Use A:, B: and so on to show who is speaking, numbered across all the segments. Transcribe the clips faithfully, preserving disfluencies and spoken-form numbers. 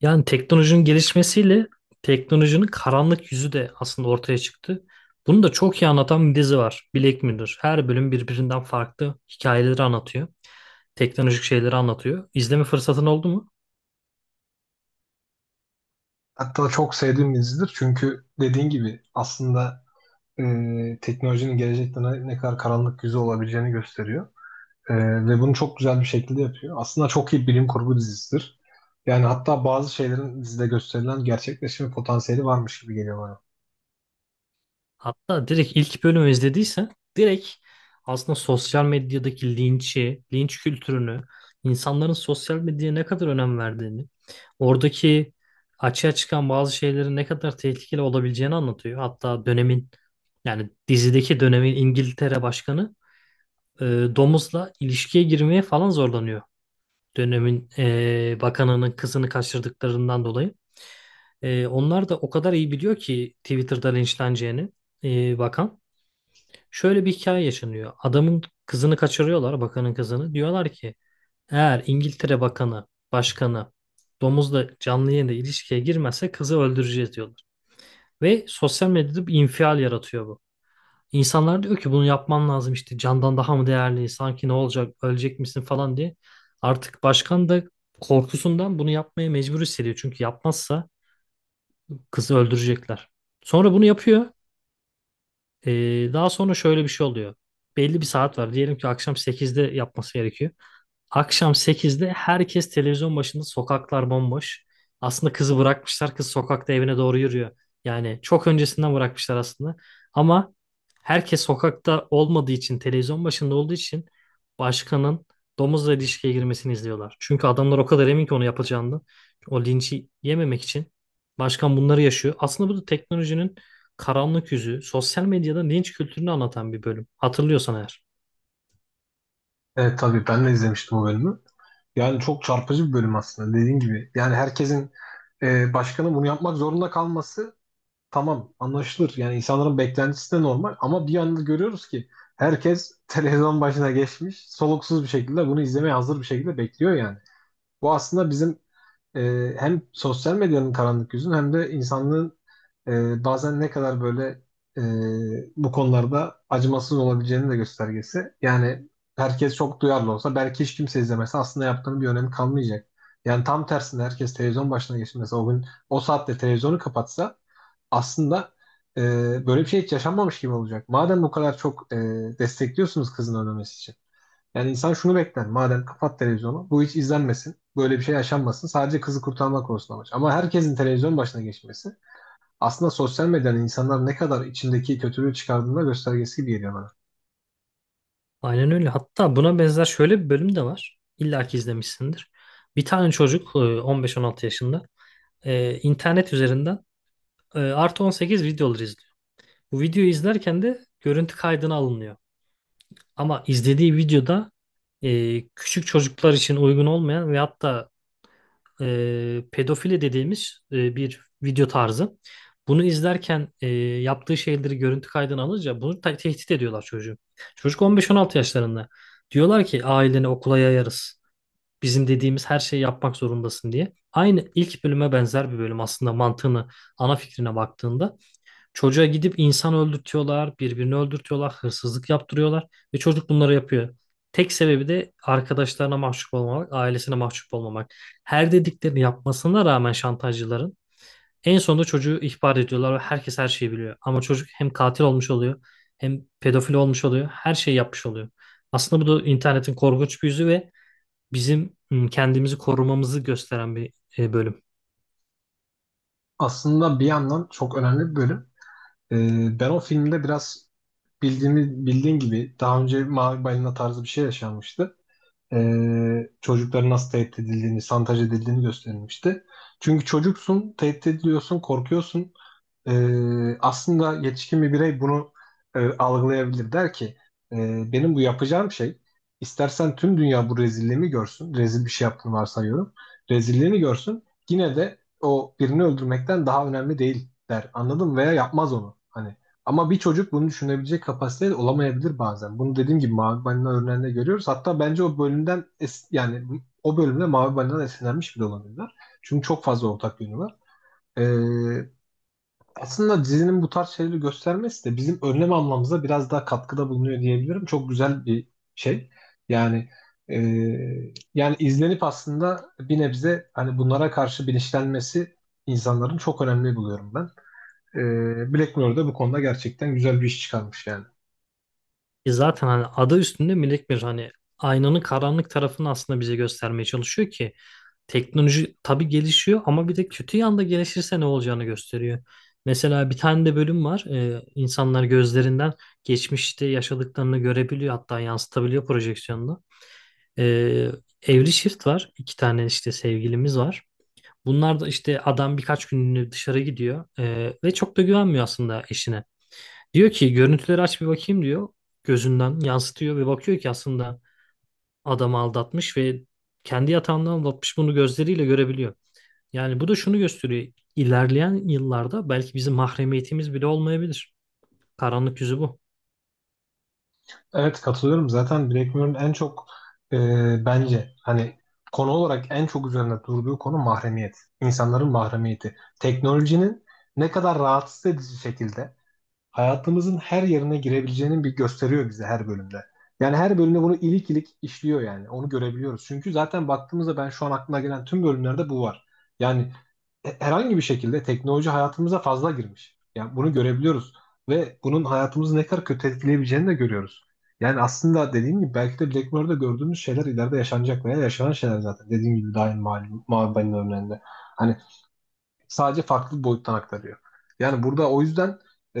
A: Yani teknolojinin gelişmesiyle teknolojinin karanlık yüzü de aslında ortaya çıktı. Bunu da çok iyi anlatan bir dizi var: Black Mirror. Her bölüm birbirinden farklı hikayeleri anlatıyor. Teknolojik şeyleri anlatıyor. İzleme fırsatın oldu mu?
B: Hatta çok sevdiğim bir dizidir. Çünkü dediğin gibi aslında e, teknolojinin gelecekte ne, ne kadar karanlık yüzü olabileceğini gösteriyor. E, ve bunu çok güzel bir şekilde yapıyor. Aslında çok iyi bilim kurgu dizisidir. Yani hatta bazı şeylerin dizide gösterilen gerçekleşme potansiyeli varmış gibi geliyor bana.
A: Hatta direkt ilk bölümü izlediyse direkt aslında sosyal medyadaki linçi, linç kültürünü, insanların sosyal medyaya ne kadar önem verdiğini, oradaki açığa çıkan bazı şeylerin ne kadar tehlikeli olabileceğini anlatıyor. Hatta dönemin, yani dizideki dönemin İngiltere başkanı, e, domuzla ilişkiye girmeye falan zorlanıyor. Dönemin e, bakanının kızını kaçırdıklarından dolayı. E, onlar da o kadar iyi biliyor ki Twitter'da linçleneceğini, e, bakan. Şöyle bir hikaye yaşanıyor. Adamın kızını kaçırıyorlar, bakanın kızını. Diyorlar ki eğer İngiltere bakanı, başkanı domuzla canlı yayında ilişkiye girmezse kızı öldüreceğiz diyorlar. Ve sosyal medyada bir infial yaratıyor bu. İnsanlar diyor ki bunu yapman lazım işte, candan daha mı değerli, sanki ne olacak, ölecek misin falan diye. Artık başkan da korkusundan bunu yapmaya mecbur hissediyor. Çünkü yapmazsa kızı öldürecekler. Sonra bunu yapıyor. Ee, daha sonra şöyle bir şey oluyor. Belli bir saat var. Diyelim ki akşam sekizde yapması gerekiyor. Akşam sekizde herkes televizyon başında, sokaklar bomboş. Aslında kızı bırakmışlar. Kız sokakta evine doğru yürüyor. Yani çok öncesinden bırakmışlar aslında. Ama herkes sokakta olmadığı için, televizyon başında olduğu için başkanın domuzla ilişkiye girmesini izliyorlar. Çünkü adamlar o kadar emin ki onu yapacağını. O linci yememek için başkan bunları yaşıyor. Aslında bu da teknolojinin karanlık yüzü, sosyal medyada linç kültürünü anlatan bir bölüm. Hatırlıyorsan eğer.
B: Evet, tabii ben de izlemiştim o bölümü. Yani çok çarpıcı bir bölüm aslında, dediğin gibi. Yani herkesin, e, başkanın bunu yapmak zorunda kalması tamam, anlaşılır. Yani insanların beklentisi de normal, ama bir anda görüyoruz ki herkes televizyon başına geçmiş, soluksuz bir şekilde bunu izlemeye hazır bir şekilde bekliyor yani. Bu aslında bizim e, hem sosyal medyanın karanlık yüzünün hem de insanlığın e, bazen ne kadar böyle e, bu konularda acımasız olabileceğinin de göstergesi. Yani herkes çok duyarlı olsa, belki hiç kimse izlemese, aslında yaptığının bir önemi kalmayacak. Yani tam tersine herkes televizyon başına geçmese, o gün o saatte televizyonu kapatsa aslında e, böyle bir şey hiç yaşanmamış gibi olacak. Madem bu kadar çok e, destekliyorsunuz kızın ölmemesi için. Yani insan şunu bekler: madem kapat televizyonu, bu hiç izlenmesin. Böyle bir şey yaşanmasın. Sadece kızı kurtarmak olsun amaç. Ama herkesin televizyon başına geçmesi aslında sosyal medyanın insanlar ne kadar içindeki kötülüğü çıkardığında göstergesi gibi geliyor bana.
A: Aynen öyle. Hatta buna benzer şöyle bir bölüm de var. İlla ki izlemişsindir. Bir tane çocuk, e, on beş on altı yaşında, e, internet üzerinden e, artı on sekiz videoları izliyor. Bu videoyu izlerken de görüntü kaydına alınıyor. Ama izlediği videoda e, küçük çocuklar için uygun olmayan ve hatta e, pedofili dediğimiz e, bir video tarzı. Bunu izlerken e, yaptığı şeyleri görüntü kaydına alınca bunu te- tehdit ediyorlar çocuğu. Çocuk on beş on altı yaşlarında. Diyorlar ki aileni okula yayarız. Bizim dediğimiz her şeyi yapmak zorundasın diye. Aynı ilk bölüme benzer bir bölüm aslında mantığını, ana fikrine baktığında. Çocuğa gidip insan öldürtüyorlar, birbirini öldürtüyorlar, hırsızlık yaptırıyorlar ve çocuk bunları yapıyor. Tek sebebi de arkadaşlarına mahcup olmamak, ailesine mahcup olmamak. Her dediklerini yapmasına rağmen şantajcıların en sonunda çocuğu ihbar ediyorlar ve herkes her şeyi biliyor. Ama çocuk hem katil olmuş oluyor, hem pedofil olmuş oluyor, her şeyi yapmış oluyor. Aslında bu da internetin korkunç bir yüzü ve bizim ım, kendimizi korumamızı gösteren bir e, bölüm.
B: Aslında bir yandan çok önemli bir bölüm. E, Ben o filmde biraz bildiğini, bildiğin gibi daha önce Mavi Balina tarzı bir şey yaşanmıştı. E, çocukların nasıl tehdit edildiğini, şantaj edildiğini gösterilmişti. Çünkü çocuksun, tehdit ediliyorsun, korkuyorsun. Ee, aslında yetişkin bir birey bunu e, algılayabilir. Der ki "E, benim bu yapacağım şey, istersen tüm dünya bu rezilliğimi görsün. Rezil bir şey yaptığını varsayıyorum. Rezilliğini görsün. Yine de o birini öldürmekten daha önemli değil, der. Anladın mı? Veya yapmaz onu. Hani, ama bir çocuk bunu düşünebilecek kapasitede olamayabilir bazen. Bunu dediğim gibi Mavi Balina örneğinde görüyoruz. Hatta bence o bölümden es- yani o bölümde Mavi Balina'dan esinlenmiş bile olabilirler. Çünkü çok fazla ortak yönü var. Ee, Aslında dizinin bu tarz şeyleri göstermesi de bizim önlem almamıza biraz daha katkıda bulunuyor diyebilirim. Çok güzel bir şey. Yani e, yani izlenip aslında bir nebze hani bunlara karşı bilinçlenmesi insanların çok önemli buluyorum ben. E, Black Mirror da bu konuda gerçekten güzel bir iş çıkarmış yani.
A: E zaten hani adı üstünde melek bir, hani aynanın karanlık tarafını aslında bize göstermeye çalışıyor ki teknoloji tabii gelişiyor ama bir de kötü yanda gelişirse ne olacağını gösteriyor. Mesela bir tane de bölüm var. E, insanlar gözlerinden geçmişte yaşadıklarını görebiliyor, hatta yansıtabiliyor projeksiyonda. E, Evli çift var. İki tane işte sevgilimiz var. Bunlar da işte, adam birkaç günlüğüne dışarı gidiyor, E, ve çok da güvenmiyor aslında eşine. Diyor ki görüntüleri aç bir bakayım diyor. Gözünden yansıtıyor ve bakıyor ki aslında adamı aldatmış ve kendi yatağından aldatmış, bunu gözleriyle görebiliyor. Yani bu da şunu gösteriyor: İlerleyen yıllarda belki bizim mahremiyetimiz bile olmayabilir. Karanlık yüzü bu.
B: Evet, katılıyorum. Zaten Black Mirror'ın en çok e, bence hani konu olarak en çok üzerinde durduğu konu mahremiyet. İnsanların mahremiyeti. Teknolojinin ne kadar rahatsız edici şekilde hayatımızın her yerine girebileceğinin bir gösteriyor bize her bölümde. Yani her bölümde bunu ilik ilik işliyor yani. Onu görebiliyoruz. Çünkü zaten baktığımızda ben şu an aklıma gelen tüm bölümlerde bu var. Yani e- herhangi bir şekilde teknoloji hayatımıza fazla girmiş. Yani bunu görebiliyoruz. Ve bunun hayatımızı ne kadar kötü etkileyebileceğini de görüyoruz. Yani aslında dediğim gibi belki de Black Mirror'da gördüğümüz şeyler ileride yaşanacak veya yaşanan şeyler zaten. Dediğim gibi daha yeni malum, malum örneğinde. Hani, sadece farklı bir boyuttan aktarıyor. Yani burada o yüzden e,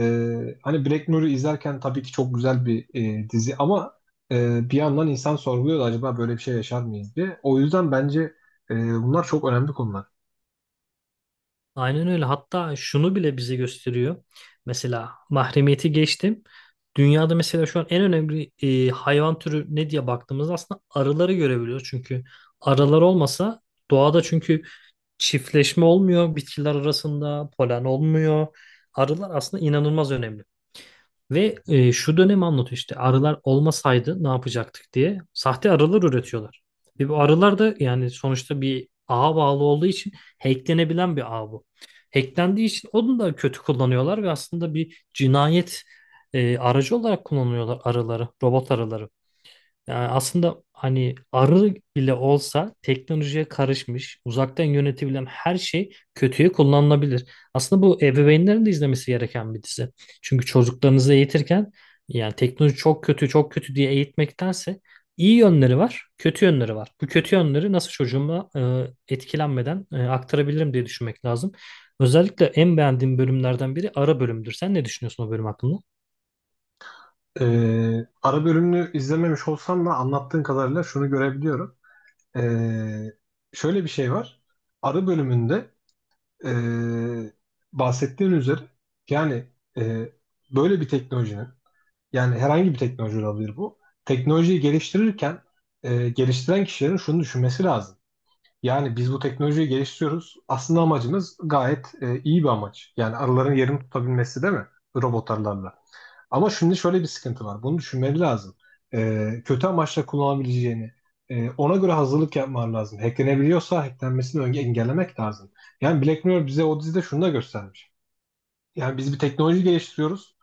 B: hani Black Mirror'ı izlerken tabii ki çok güzel bir e, dizi, ama e, bir yandan insan sorguluyor da acaba böyle bir şey yaşar mıyız diye. O yüzden bence e, bunlar çok önemli konular.
A: Aynen öyle. Hatta şunu bile bize gösteriyor. Mesela mahremiyeti geçtim. Dünyada mesela şu an en önemli e, hayvan türü ne diye baktığımızda aslında arıları görebiliyoruz. Çünkü arılar olmasa doğada çünkü çiftleşme olmuyor bitkiler arasında, polen olmuyor. Arılar aslında inanılmaz önemli. Ve e, şu dönemi anlatıyor, işte arılar olmasaydı ne yapacaktık diye sahte arılar üretiyorlar. Ve bu arılar da yani sonuçta bir ağa bağlı olduğu için hacklenebilen bir ağ bu. Hacklendiği için onu da kötü kullanıyorlar ve aslında bir cinayet e, aracı olarak kullanıyorlar arıları, robot arıları. Yani aslında hani arı bile olsa teknolojiye karışmış, uzaktan yönetebilen her şey kötüye kullanılabilir. Aslında bu ebeveynlerin de izlemesi gereken bir dizi. Çünkü çocuklarınızı eğitirken yani teknoloji çok kötü, çok kötü diye eğitmektense iyi yönleri var, kötü yönleri var. Bu kötü yönleri nasıl çocuğuma e, etkilenmeden e, aktarabilirim diye düşünmek lazım. Özellikle en beğendiğim bölümlerden biri ara bölümdür. Sen ne düşünüyorsun o bölüm hakkında?
B: E, Ara bölümünü izlememiş olsam da anlattığın kadarıyla şunu görebiliyorum. E, Şöyle bir şey var. Ara bölümünde e, bahsettiğin üzere, yani e, böyle bir teknolojinin, yani herhangi bir teknoloji olabilir bu. Teknolojiyi geliştirirken e, geliştiren kişilerin şunu düşünmesi lazım. Yani biz bu teknolojiyi geliştiriyoruz. Aslında amacımız gayet e, iyi bir amaç. Yani arıların yerini tutabilmesi, değil mi? Robot arılarla. Ama şimdi şöyle bir sıkıntı var. Bunu düşünmeleri lazım. E, kötü amaçla kullanabileceğini, e, ona göre hazırlık yapmaları lazım. Hacklenebiliyorsa hacklenmesini önce engellemek lazım. Yani Black Mirror bize o dizide şunu da göstermiş. Yani biz bir teknoloji geliştiriyoruz.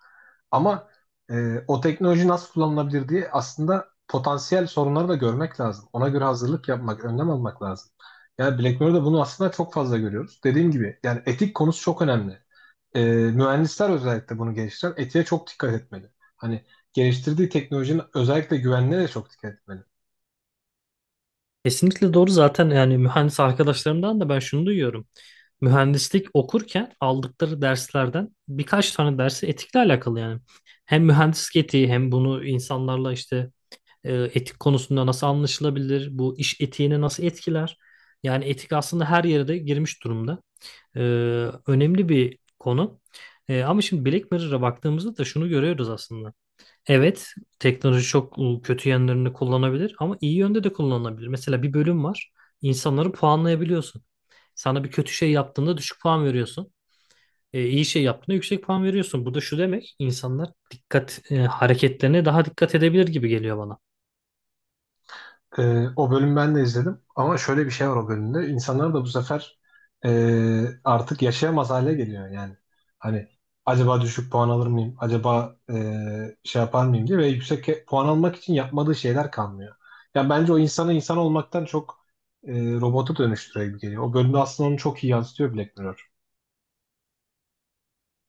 B: Ama e, o teknoloji nasıl kullanılabilir diye aslında potansiyel sorunları da görmek lazım. Ona göre hazırlık yapmak, önlem almak lazım. Yani Black Mirror'da bunu aslında çok fazla görüyoruz. Dediğim gibi yani etik konusu çok önemli. E, mühendisler özellikle bunu geliştiren etiğe çok dikkat etmeli. Hani geliştirdiği teknolojinin özellikle güvenliğine de çok dikkat etmeli.
A: Kesinlikle doğru. Zaten yani mühendis arkadaşlarımdan da ben şunu duyuyorum: mühendislik okurken aldıkları derslerden birkaç tane dersi etikle alakalı yani. Hem mühendislik etiği, hem bunu insanlarla işte e, etik konusunda nasıl anlaşılabilir, bu iş etiğini nasıl etkiler. Yani etik aslında her yere de girmiş durumda. E, Önemli bir konu. E, ama şimdi Black Mirror'a baktığımızda da şunu görüyoruz aslında. Evet, teknoloji çok e, kötü yönlerini kullanabilir ama iyi yönde de kullanılabilir. Mesela bir bölüm var. İnsanları puanlayabiliyorsun. Sana bir kötü şey yaptığında düşük puan veriyorsun. E, iyi şey yaptığında yüksek puan veriyorsun. Bu da şu demek, insanlar dikkat e, hareketlerine daha dikkat edebilir gibi geliyor bana.
B: Ee, o bölüm ben de izledim, ama şöyle bir şey var o bölümde. İnsanlar da bu sefer e, artık yaşayamaz hale geliyor yani. Hani acaba düşük puan alır mıyım? Acaba e, şey yapar mıyım diye, ve yüksek e- puan almak için yapmadığı şeyler kalmıyor. Yani bence o insanı insan olmaktan çok e, robota dönüştürüyor gibi geliyor. O bölümde aslında onu çok iyi yansıtıyor Black Mirror.